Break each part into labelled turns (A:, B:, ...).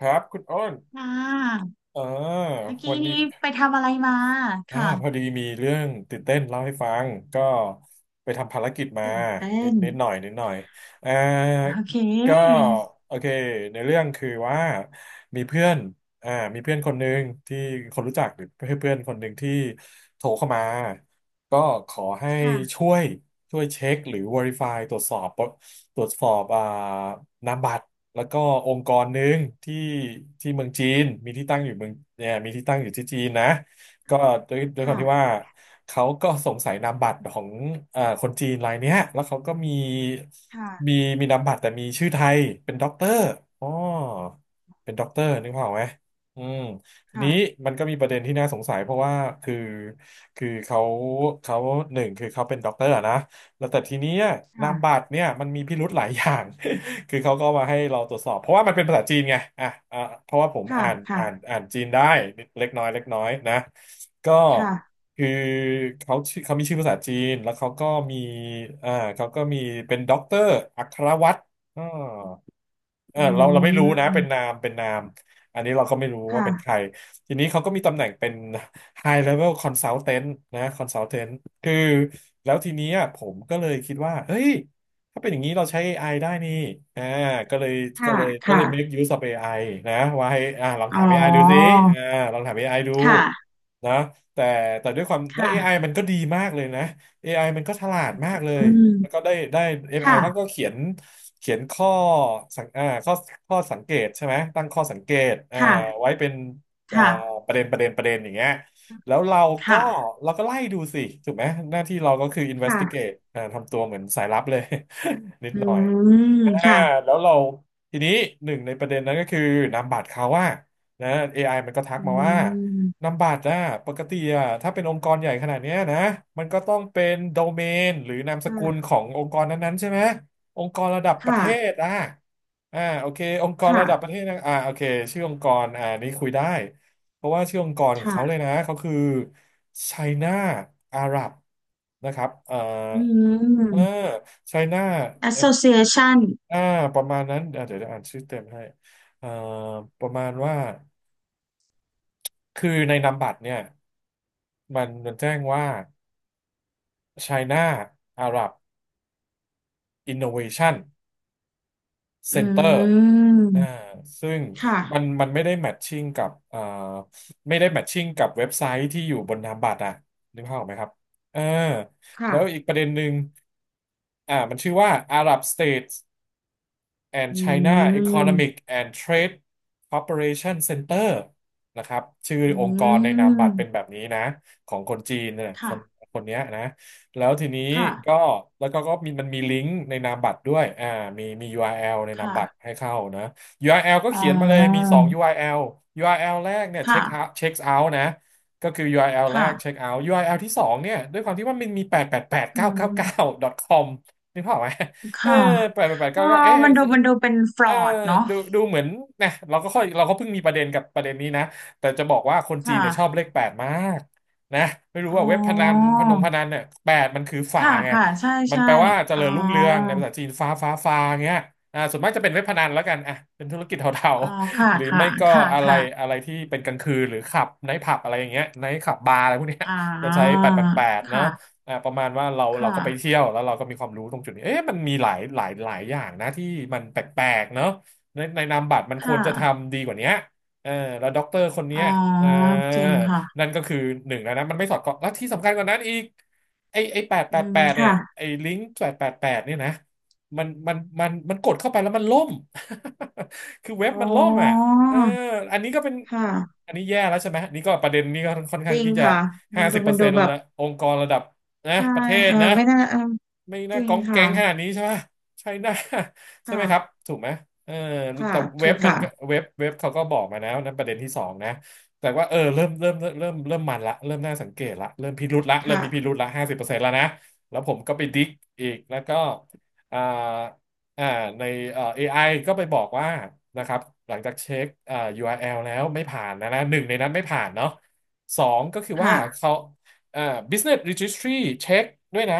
A: ครับคุณอ้น
B: ค่ะ
A: อ่า
B: เมื่อ
A: วั
B: กี้
A: นนี้
B: นี้ไปทำอะไรมา
A: พอ
B: ค่ะ
A: ดีมีเรื่องตื่นเต้นเล่าให้ฟังก็ไปทำภารกิจมา
B: ตื่นเต้
A: นิด
B: น
A: นิดหน่อยนิดหน่อยอ่า
B: โอเค
A: ก็โอเคในเรื่องคือว่ามีเพื่อนมีเพื่อนคนหนึ่งที่คนรู้จักหรือเพื่อนคนหนึ่งที่โทรเข้ามาก็ขอให้
B: ค่ะ
A: ช่วยเช็คหรือ Verify ตรวจสอบตรวจสอบอ่านามบัตรแล้วก็องค์กรหนึ่งที่ที่เมืองจีนมีที่ตั้งอยู่เมืองเนี่ยมีที่ตั้งอยู่ที่จีนนะ ก็ด้วยความ
B: ค่ะ
A: ที่ว่าเขาก็สงสัยนามบัตรของคนจีนรายเนี้ยแล้วเขาก็มีมี
B: ค่ะ
A: มีนามบัตรแต่มีชื่อไทยเป็นด็อกเตอร์อ๋อเป็นด็อกเตอร์นึกภาพออกไหมอืมทีนี้
B: ค่ะ
A: มันก็มีประเด็นที่น่าสงสัยเพราะว่าคือคือเขาหนึ่งคือเขาเป็นด็อกเตอร์อะนะแล้วแต่ทีนี้นามบั
B: ค่ะ
A: ตรเนี่ยมันมีพิรุธหลายอย่าง คือเขาก็มาให้เราตรวจสอบเพราะว่ามันเป็นภาษาจีนไงอ่ะอ่ะเพราะว่าผม
B: ค่ะ
A: อ่านอ่าน
B: ค่ะ
A: อ่านจีนได้เล็กน้อยนะ ก็
B: ค่ะ
A: คือเขาชื่อเขามีชื่อภาษาจีน แล้วเขาก็มีอ่าเขาก็มีเป็นด็อกเตอร์ อัครวัตร เออ
B: อื
A: เราไม่รู้นะเป็นนา
B: ม
A: มอันนี้เราก็ไม่รู้ว่าเป็นใคร
B: ค่ะ
A: ทีนี้เขาก็มีตำแหน่งเป็น High Level Consultant นะ Consultant คือแล้วทีนี้อะผมก็เลยคิดว่าเฮ้ยถ้าเป็นอย่างนี้เราใช้ AI ไอได้นี่อ่าก็เลย
B: ค่ะ
A: ก็
B: ค่ะ
A: เลย make use of AI นะว่าให้ลอง
B: อ๋
A: ถา
B: อ
A: ม AI ดูสิอ่าลองถามเอไอดู
B: ค่ะ
A: นะแต่ด้วยความแล้ว AI
B: ค่ะ
A: มันก็ดีมากเลยนะ AI มันก็ฉลาดมากเลย
B: อื
A: แล้วก็
B: ม
A: ได้ MI เขาก็
B: ค่ะ
A: เขียนข้อสังอ่าข้อข้อสังเกตใช่ไหมตั้งข้อสังเกต
B: ค่ะ
A: ไว้เป็นอ่า
B: ค่ะ
A: ประเด็นอย่างเงี้ยแล้วเราก็
B: ค่ะ
A: ไล่ดูสิถูกไหมหน้าที่เราก็คือ
B: ค่ะ
A: investigate ทำตัวเหมือนสายลับเลย นิด
B: อื
A: หน่อย
B: ม
A: อ่า
B: ค่ะ
A: แล้วเราทีนี้หนึ่งในประเด็นนั้นก็คือนามบัตรเขาว่านะ AI มันก็ทัก
B: อื
A: มาว่านา
B: ม
A: มบัตรนะปกติอะถ้าเป็นองค์กรใหญ่ขนาดเนี้ยนะมันก็ต้องเป็นโดเมนหรือนามสกุล
B: ค่ะ
A: ขององค์กรนั้นๆใช่ไหมองค์กรระดับประ
B: ค่ะ
A: เทศอ่ะโอเคองค์กร
B: ค่ะ
A: ระดับประเทศนะโอเคชื่อองค์กรนี้คุยได้เพราะว่าชื่อองค์กรของเขาเลย
B: ค่ะ
A: นะเขาคือ China Arab นะครับ
B: อื
A: เออ
B: ม
A: China
B: Association
A: อ่าประมาณนั้นเดี๋ยวจะอ่านชื่อเต็มให้อ่าประมาณว่าคือในนามบัตรเนี่ยมันแจ้งว่า China Arab Innovation Center
B: อื
A: อ่า
B: ม
A: ซึ่ง
B: ค่ะ
A: มันไม่ได้แมทชิ่งกับไม่ได้แมทชิ่งกับเว็บไซต์ที่อยู่บนนามบัตรอ่ะนึกภาพออกไหมครับเออแล้
B: ค่ะ
A: วอีกประเด็นหนึ่งมันชื่อว่า Arab States and
B: อื
A: China
B: ม
A: Economic and Trade Cooperation Center นะครับชื่อ
B: อื
A: องค์กรในนามบัตรเป็นแบ
B: ม
A: บนี้นะของคนจีนเนี่ยค
B: ค่ะ
A: นเนี้ยนะแล้วทีนี้
B: ค่ะ
A: ก็แล้วก็มันมีลิงก์ในนามบัตรด้วยมีURL ในนาม
B: ค่ะ
A: บัตรให้เข้านะ URL ก็
B: อ๋อ
A: เขียนมาเลยมี2 URL URL แอลแรกเนี่ยเช็
B: ค่ะ
A: คเอาท์นะก็คือ URL แอลแรกเช็ค
B: ค่ะ
A: เอาท์ URL ที่สองเนี่ยด้วยความที่ว่ามันมี8 8 8
B: อื
A: 9 9 9
B: ม
A: com นึกภาพออกไหม เออ
B: ค่ะ
A: แปดแปด
B: อ๋อ
A: เก้าเก้าเอ๊ะ
B: มันดู
A: คือ
B: มันดูเป็นฟร
A: เอ
B: อ
A: อ
B: ดเนาะ
A: ดูเหมือนนะเราก็เพิ่งมีประเด็นกับประเด็นนี้นะแต่จะบอกว่าคนจีนเนี่ยชอบ
B: ค่ะ
A: เลขแปดมากนะไม่รู้
B: อ๋
A: ว่า
B: อ
A: เว็บพนันเนี่ยแปดมันคือฟ้า
B: ค่ะ
A: ไง
B: ค่ะใช่
A: มัน
B: ใช่
A: แปลว่าเจ
B: อ๋อ
A: ริญรุ่งเรืองในภาษาจีนฟ้าเงี้ยส่วนมากจะเป็นเว็บพนันแล้วกันอ่ะเป็นธุรกิจเทา
B: อ๋อ
A: ๆ
B: ค่ะ
A: หรือ
B: ค่ะ
A: ไม่ก็
B: ค่ะ
A: อะไรอะ
B: ค่ะ
A: ไรที่เป็นกลางคืนหรือขับไนท์ผับอะไรอย่างเงี้ยไนท์ขับบาร์อะไรพวกเนี้ย
B: อ่
A: จะใช้
B: า
A: แปดแปดแปดเนาะ
B: ค่ะ
A: ประมาณว่าเรา
B: ค่ะ
A: ก็ไปเที่ยวแล้วเราก็มีความรู้ตรงจุดนี้เอ๊ะมันมีหลายหลายหลายอย่างนะที่มันแปลกๆเนาะในนามบัตรมันควร
B: ค่ะ
A: จะทำดีกว่าเนี้ยเออแล้วด็อกเตอร์คนเนี้
B: อ๋อ
A: ยเออ
B: จริงค่ะ
A: นั่นก็คือหนึ่งแล้วนะมันไม่สอดคล้องแล้วที่สำคัญกว่านั้นอีกไอแปดแป
B: อื
A: ดแป
B: ม
A: ดเนี่ย
B: ค่ะ
A: ไอลิงก์แปดแปดแปดเนี่ยนะมันกดเข้าไปแล้วมันล่ม คือเว็บ
B: อ๋
A: มันล่มอ่ะ
B: อ
A: เอออันนี้ก็เป็น
B: ค่ะ
A: อันนี้แย่แล้วใช่ไหมนี่ก็ประเด็นนี้ก็ค่อน
B: จ
A: ข้าง
B: ริง
A: ที่จะ
B: ค่ะมั
A: ห้า
B: น
A: สิ
B: ดู
A: บเปอ
B: มัน
A: ร์เซ็
B: ดู
A: นต์
B: แบบ
A: ละองค์กรระดับ นะ
B: ใช่
A: ประเทศ
B: เออ
A: นะ
B: ไม่น่าเออ
A: ไม่
B: จ
A: น่า
B: ริง
A: ก้องแก๊
B: ค่ะ
A: งขนาดนี้ใช่ไหมใช่น่า ใช่ไหมครับ
B: ค่ะ
A: ถูกไหมเออ
B: ค่ะ
A: แต่เว็
B: ถู
A: บ
B: ก
A: มัน
B: ค่ะ
A: ก็เว็บเขาก็บอกมาแล้วนะประเด็นที่สองนะแต่ว่าเออเริ่มมันละเริ่มน่าสังเกตละเริ่มพิรุธละเริ่มมีพิ
B: ค่ะ
A: รุธละห้าสิบเปอร์เซ็นต์แล้วนะแล้วผมก็ไปดิกอีกแล้วก็อ่าอ่าในAI ก็ไปบอกว่านะครับหลังจากเช็คURL แอลแล้วไม่ผ่านนะนะหนึ่งในนั้นไม่ผ่านเนาะสองก็คือว่า
B: ค่ะ
A: เขา อ่า Business Registry เช็คด้วยนะ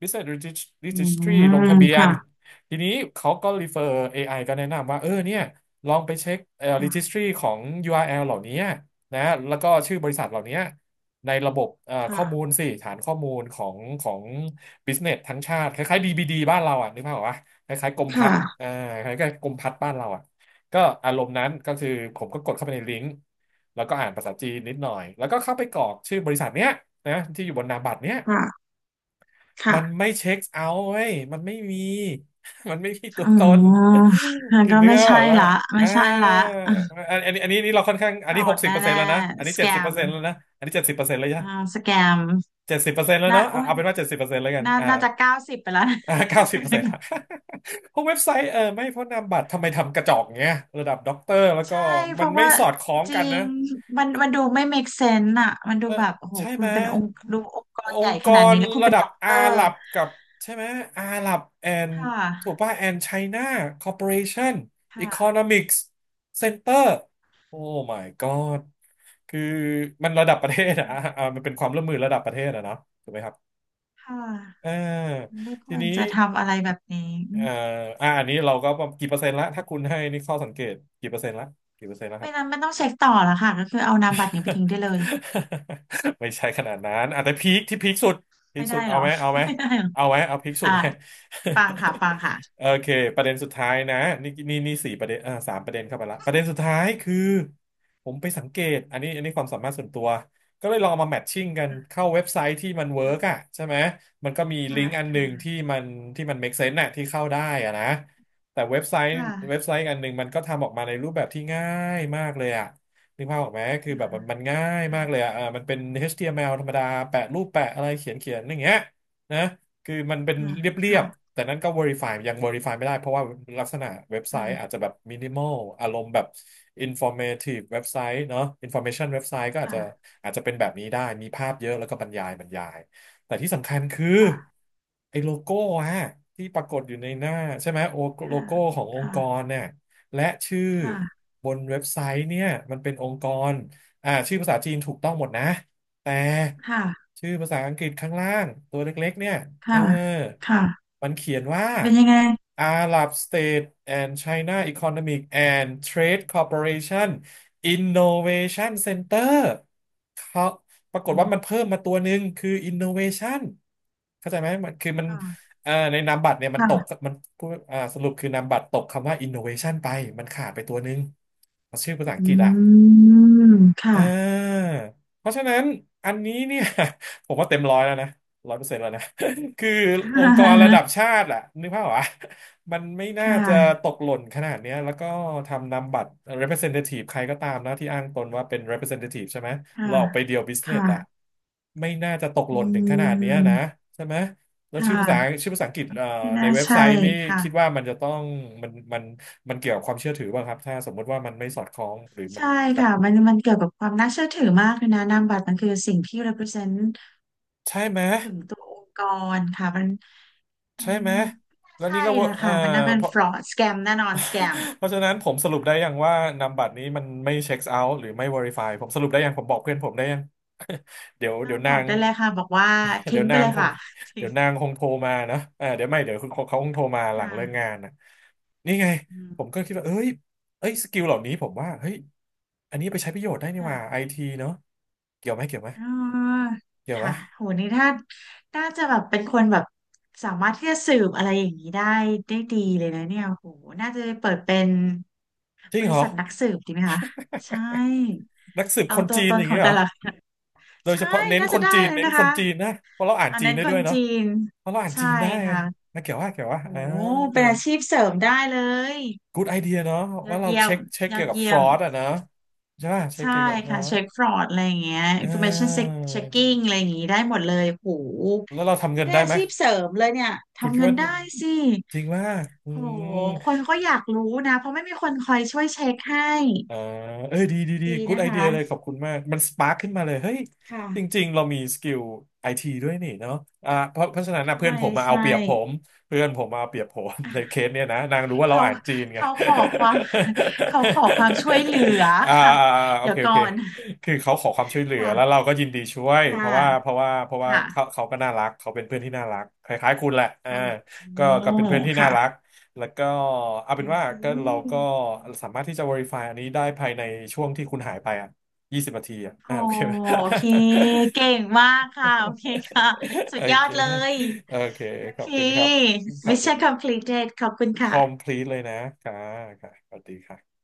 A: Business
B: อื
A: Registry ลง
B: ม
A: ทะเบียน
B: ค่ะ
A: ทีนี้เขาก็ refer AI ก็แนะนำว่าเออเนี่ยลองไปเช็ค
B: ค่ะ
A: Registry ของ URL เหล่านี้นะแล้วก็ชื่อบริษัทเหล่านี้ในระบบเอ่อข้
B: ค่ะ
A: อมูลสิฐานข้อมูลของ Business ทั้งชาติคล้ายๆ DBD บดีบ้านเราอ่ะนึกภาพออกปะคล้ายๆกรมพัฒน์
B: ค่ะ
A: คล้ายๆกรมพัฒน์บ้านเราอ่ะ ก็อารมณ์นั้นก็คือผมก็กดเข้าไปในลิงก์แล้วก็อ่านภาษาจีนนิดหน่อยแล้วก็เข้าไปกรอกชื่อบริษัทเนี้ยนะที่อยู่บนนามบัตรเนี้ย
B: ค่ะค่ะ
A: มันไม่เช็คเอาท์เว้ยมันไม่มี มันไม่มีตัว
B: อื
A: ต
B: ม
A: น
B: มัน
A: คือ
B: ก็
A: เนื้
B: ไม่
A: อบ
B: ใช่
A: อกว่า
B: ละไม่
A: อ่า
B: ใช่ละ
A: อันนี้อันนี้นี่เราค่อนข้างอั
B: ป
A: น
B: ล
A: นี้
B: อ
A: หก
B: ด
A: สิบเปอร์เซ็น
B: แน่
A: ต์แล้วนะอันนี้
B: ๆส
A: เจ็
B: แก
A: ดสิบเปอร์
B: ม
A: เซ็นต์แล้วนะอันนี้เจ็ดสิบเปอร์เซ็นต์แล้วยะ
B: อ่าสแกม
A: เจ็ดสิบเปอร์เซ็นต์แล้ว
B: น่า
A: เนาะ
B: โอ้
A: เอา
B: ย
A: เอาเป็นว่าเจ็ดสิบเปอร์เซ็นต์แล้วกัน
B: น่า
A: อ่า
B: น่าจะเก้าสิบไปแล้วนะ
A: 90%ละ พวกเว็บไซต์เออไม่เพราะนามบัตรทำไมทำกระจอกเงี้ยระดับด็อกเตอร์แล้วก็
B: ใช่เพ
A: มัน
B: ราะ
A: ไม่
B: ว่า
A: สอดคล้อง
B: จริ
A: กันนะ
B: งมันมันดูไม่ make sense อะมันดู
A: เออ
B: แบบโอ้โห
A: ใช่
B: คุ
A: ไหม
B: ณเป็นองค์ดูองค์ก
A: อ
B: รให
A: ง
B: ญ่
A: ค์ก
B: ขนาด
A: ร
B: นี้แล้วคุณ
A: ระ
B: เป็น
A: ดับ
B: ด็อกเต
A: อา
B: อ
A: ห
B: ร์
A: รับกับใช่ไหมอาหรับแอน
B: ค่
A: ถูก
B: ะ
A: ป่ะแอนไชน่าคอร์ปอเรชั่นอีโค
B: ค่ะ
A: โนมิกส์เซ็นเตอร์โอ้ my god คือมันระดับประเท
B: ไม่
A: ศ
B: ค
A: อะ
B: วร
A: อ่ามันเป็นความร่วมมือระดับประเทศอะเนาะถูกไหมครับ
B: ค่ะ
A: เออ
B: ไม่ค
A: ที
B: วร
A: นี้
B: จะทำอะไรแบบนี้อื
A: เอ่อ
B: ม
A: อันนี้เราก็กี่เปอร์เซ็นต์ละถ้าคุณให้นี่ข้อสังเกตกี่เปอร์เซ็นต์ละกี่เปอร์เซ็นต์ละค
B: ไม่
A: รับ
B: นั้นมันต้องเช็คต่อและค่ะก็คือเอานามบัตรเนี่ยไปทิ้งได้เลย
A: ไม่ใช่ขนาดนั้นอ่ะแต่พีคที่พีคสุดพีค
B: ไม่
A: สุ
B: ได้
A: ด
B: เหร
A: เอา
B: อ
A: ไหมเอา ไหม
B: ไม่ได้เหรอ
A: เอาไหมเอาพีคสุ
B: อ่า
A: ดไหม
B: ฟังค่ะฟังค่ะ
A: โอเคประเด็นสุดท้ายนะนี่นี่นี่4 ประเด็นอ่า3 ประเด็นเข้าไปละประเด็นสุดท้ายคือผมไปสังเกตอันนี้อันนี้ความสามารถส่วนตัวก็เลยลองเอามาแมทชิ่งกันเข้าเว็บไซต์ที่มันเวิร์กอ่ะใช่ไหมมันก็มีลิ
B: ค่ะ
A: งก์อันหนึ่งที่
B: ค่ะ
A: มันที่มัน make sense น่ะที่เข้าได้อ่ะนะแต่เว็บไซ
B: ค
A: ต์เว็บ
B: ่ะ
A: ไซต์อันหนึ่งมันก็ทำออกมาในรูปแบบที่ง่ายมากเลยอ่ะ นึกภาพออกไหมคือแบบมันง่ายมากเลย
B: ค่ะ
A: อะมันเป็น HTML ธรรมดาแปะรูปแปะอะไรเขียนเขียนอย่างเงี้ยนะคือมันเป็น
B: ค่ะ
A: เรีย
B: ค่ะ
A: บๆแต่นั้นก็ verify ยัง verify ไม่ได้เพราะว่าลักษณะเว็บไซต์อาจจะแบบ minimal อารมณ์แบบ informative เว็บไซต์เนาะ information เว็บไซต์ก็อาจจะ
B: ค่ะ
A: อาจจะเป็นแบบนี้ได้มีภาพเยอะแล้วก็บรรยายบรรยายแต่ที่สำคัญคือ
B: ค่ะ
A: ไอ้โลโก้ฮะที่ปรากฏอยู่ในหน้าใช่ไหมโอโลโก้ขององค์ก
B: ค่ะ
A: รเนี่ย และชื่อ
B: ค่ะ
A: บนเว็บไซต์เนี่ยมันเป็นองค์กรอ่าชื่อภาษาจีนถูกต้องหมดนะแต่ชื่อภาษาอังกฤษข้างล่างตัวเล็กๆเนี่ยเออ
B: ค่ะค่ะค่ะค่ะค่ะ
A: มันเขียนว่า
B: เป็นยังไง
A: Arab State and China Economic and Trade Corporation Innovation Center เขาปรากฏ
B: อื
A: ว่ามัน
B: ม
A: เพิ่มมาตัวหนึ่งคือ Innovation เข้าใจไหมมันคือมัน
B: ค่ะ
A: ในนามบัตรเนี่ยมันตก
B: ค่ะ
A: มันพูดอ่าสรุปคือนามบัตรตกคำว่า innovation ไปมันขาดไปตัวนึงชื่อภาษาอังก
B: อื
A: ฤษอ่ะ
B: มค่ะ
A: อ่าเพราะฉะนั้นอันนี้เนี่ย ผมว่าเต็มร้อยแล้วนะ100%แล้วนะ คือองค์กรระดับชาติอะนึกภาพวะมันไม่น่า
B: ค่
A: จะต
B: ะ
A: กหล่นขนาดเนี้ยแล้วก็ทำนำบัตร representative ใครก็ตามนะที่อ้างตนว่าเป็น representative ใช่ไหม
B: ค่ะ
A: หลอกไปเดียว
B: ค่ะ
A: business อะไม่น่าจะตกห
B: อื
A: ล่นถึงขนาดเนี้ยนะ
B: ม
A: ใช่ไหมแล้ว
B: ค่
A: ชื่อภาษา
B: ะ
A: ชื่อภาษาอังกฤษ
B: ไม่
A: ใน
B: น่า
A: เว็บไซ
B: ใช่
A: ต์นี่
B: ค่ะ
A: คิดว่ามันจะต้องมันมันเกี่ยวกับความเชื่อถือป่ะครับถ้าสมมติว่ามันไม่สอดคล้องหรือมัน
B: ใช่
A: กับ
B: ค่ะ มันมันเกี่ยวกับความน่าเชื่อถือมากเลยนะนามบัตรมันคือสิ่งที่ represent
A: ใช่ไหม
B: ถึงตัวองค์กรค่ะมันมั
A: ใช่
B: น
A: ไหม
B: ไม่น่า
A: แล้ว
B: ใช่
A: นี่ก็เวอร์
B: ละค่ะ มันน่าเป็น
A: เพราะ
B: fraud scam แน่นอน scam
A: เพราะฉะนั้นผมสรุปได้ยังว่านามบัตรนี้มันไม่เช็คเอาท์หรือไม่ Verify ผมสรุปได้ยังผมบอกเพื่อนผมได้ยัง เดี๋ยว
B: ก็
A: เดี๋ยว
B: บ
A: นา
B: อก
A: ง
B: ได้เลยค่ะ บอกว่า
A: เดี๋
B: ทิ้
A: ย
B: ง
A: ว
B: ไป
A: นาง
B: เลย
A: คง
B: ค่ะทิ้
A: เดี๋
B: ง
A: ยวนางคงโทรมานะเออเดี๋ยวไม่เดี๋ยวคุณเขาคงโทรมาหลัง
B: ค่ะ
A: เลิกงานนะนี่ไง
B: อืม
A: ผมก็คิดว่าเอ้ยเอ้ยสกิลเหล่านี้ผมว่าเฮ้ยอันนี้ไปใช้ประโยชน์ได้นี่ห
B: ค่ะ
A: ว่าไอทีเนาะเกี่ยวไหม เกี่ยวไหม
B: อ่า
A: เกี่ยวไหม
B: ค่ะโหนี่ถ้า น่าจะแบบเป็นคนแบบสามารถที่จะสืบอะไรอย่างนี้ได้ได้ดีเลยนะเนี่ยโหน่าจะเปิดเป็น
A: จริ
B: บ
A: งเห
B: ริ
A: รอ
B: ษัทนักสืบดีไหมคะใช่
A: นักสืบ
B: เอา
A: คน
B: ตัว
A: จีน
B: ต
A: อ
B: น
A: ย่าง
B: ขอ
A: เงี้
B: ง
A: ยเหร
B: แต่
A: อ
B: ละคน
A: โดย
B: ใช่
A: เฉพาะเน้น
B: น่า
A: ค
B: จะ
A: น
B: ได้
A: จีน
B: เลย
A: เน้น
B: นะ
A: ค
B: คะ
A: นจีนนะเพราะเราอ่าน
B: อัน
A: จีน
B: นั้น
A: ได้
B: ค
A: ด้ว
B: น
A: ยเนาะ
B: จีน
A: เพราะเราอ่าน
B: ใช่
A: จีนได้อะ
B: ค่ะ
A: นะเกี่ยวว่าเกี่ยวว่า
B: โหเป็นอาชีพเสริมได้เลย
A: good idea เนาะ
B: ยอ
A: ว่า
B: ด
A: เรา
B: เยี่ย
A: เช็
B: ม
A: คเช็ค
B: ยอ
A: เกี่ย
B: ด
A: วกับ
B: เยี่ยม
A: fraud อะเนาะใช่ป่ะเช็ค
B: ใช่
A: เกี่ยวกับ
B: ค่ะ
A: fraud
B: เช็คฟรอดอะไรอย่างเงี้ย
A: เอ
B: information
A: อ
B: check- checking อะไรอย่างงี้ได้หมดเลยโห
A: แล้วเราทำ
B: นี่
A: เงิน
B: ได้
A: ได้
B: อา
A: ไหม
B: ชีพเสริมเลยเนี่ย
A: คุณ
B: ทำ
A: คิด
B: เงิน
A: ว่า
B: ได้สิ
A: จริงว่าอื
B: โห
A: ม
B: คนก็อยากรู้นะเพราะไม่มีคนคอยช่วยเช็คให้
A: อ่าเอ้ยดีดีดี
B: ดี
A: กู๊ด
B: นะ
A: ไอเดียเลยข
B: คะ
A: อบคุณมากมันสปาร์คขึ้นมาเลยเฮ้ย
B: ค่ะ
A: จริงๆเรามีสกิลไอทีด้วยนี่เนาะเพราะฉะนั้นนะเพื่อ
B: ใช่
A: นผมมาเอา
B: ใช่
A: เปรียบผมเพื่อนผมมาเอาเปรียบผม ในเค
B: อ่ะ
A: สเนี้ยนะนางรู้ว่าเรา
B: เขา
A: อ่านจีนไง
B: เขาขอควา ม เขาขอความช่วยเหลือ
A: อ่า
B: ค่ะ
A: โอ
B: เดี๋ย
A: เค
B: ว
A: โอ
B: ก่อ
A: เค
B: น
A: คือเขาขอความช่วยเหลือแล้ว
B: ค่ะ
A: เราก็ยินดีช่วย
B: ค่
A: เพราะว่าเพ
B: ะ
A: ราะว่าเพราะว่า
B: ค่ะ
A: เขาก็น่ารักเขาเป็นเพื่อนที่น่ารักคล้ายๆคุณแหละอ่า
B: เอา
A: ก็
B: โอ้
A: เป็นเพื่อนที่น่า
B: ค่ะ
A: รัก แล้วก็เอา
B: โอ
A: เป็นว่า
B: เค
A: ก็เราก็สามารถที่จะ verify อันนี้ได้ภายในช่วงที่คุณหายไปอ่ะ20 นาทีอ่ะ
B: โอ้
A: อ่าโอเคไหม
B: โอเค เก่งมากค่ะโอเคค่ะสุ
A: โอ
B: ดยอ
A: เค
B: ดเลย
A: โอเค
B: โอ
A: ขอ
B: เค
A: บคุณครับขอบคุณ
B: Mission completed ขอบคุณค่ะ
A: complete เลยนะค่ะค่ะสวัสดีค่ะ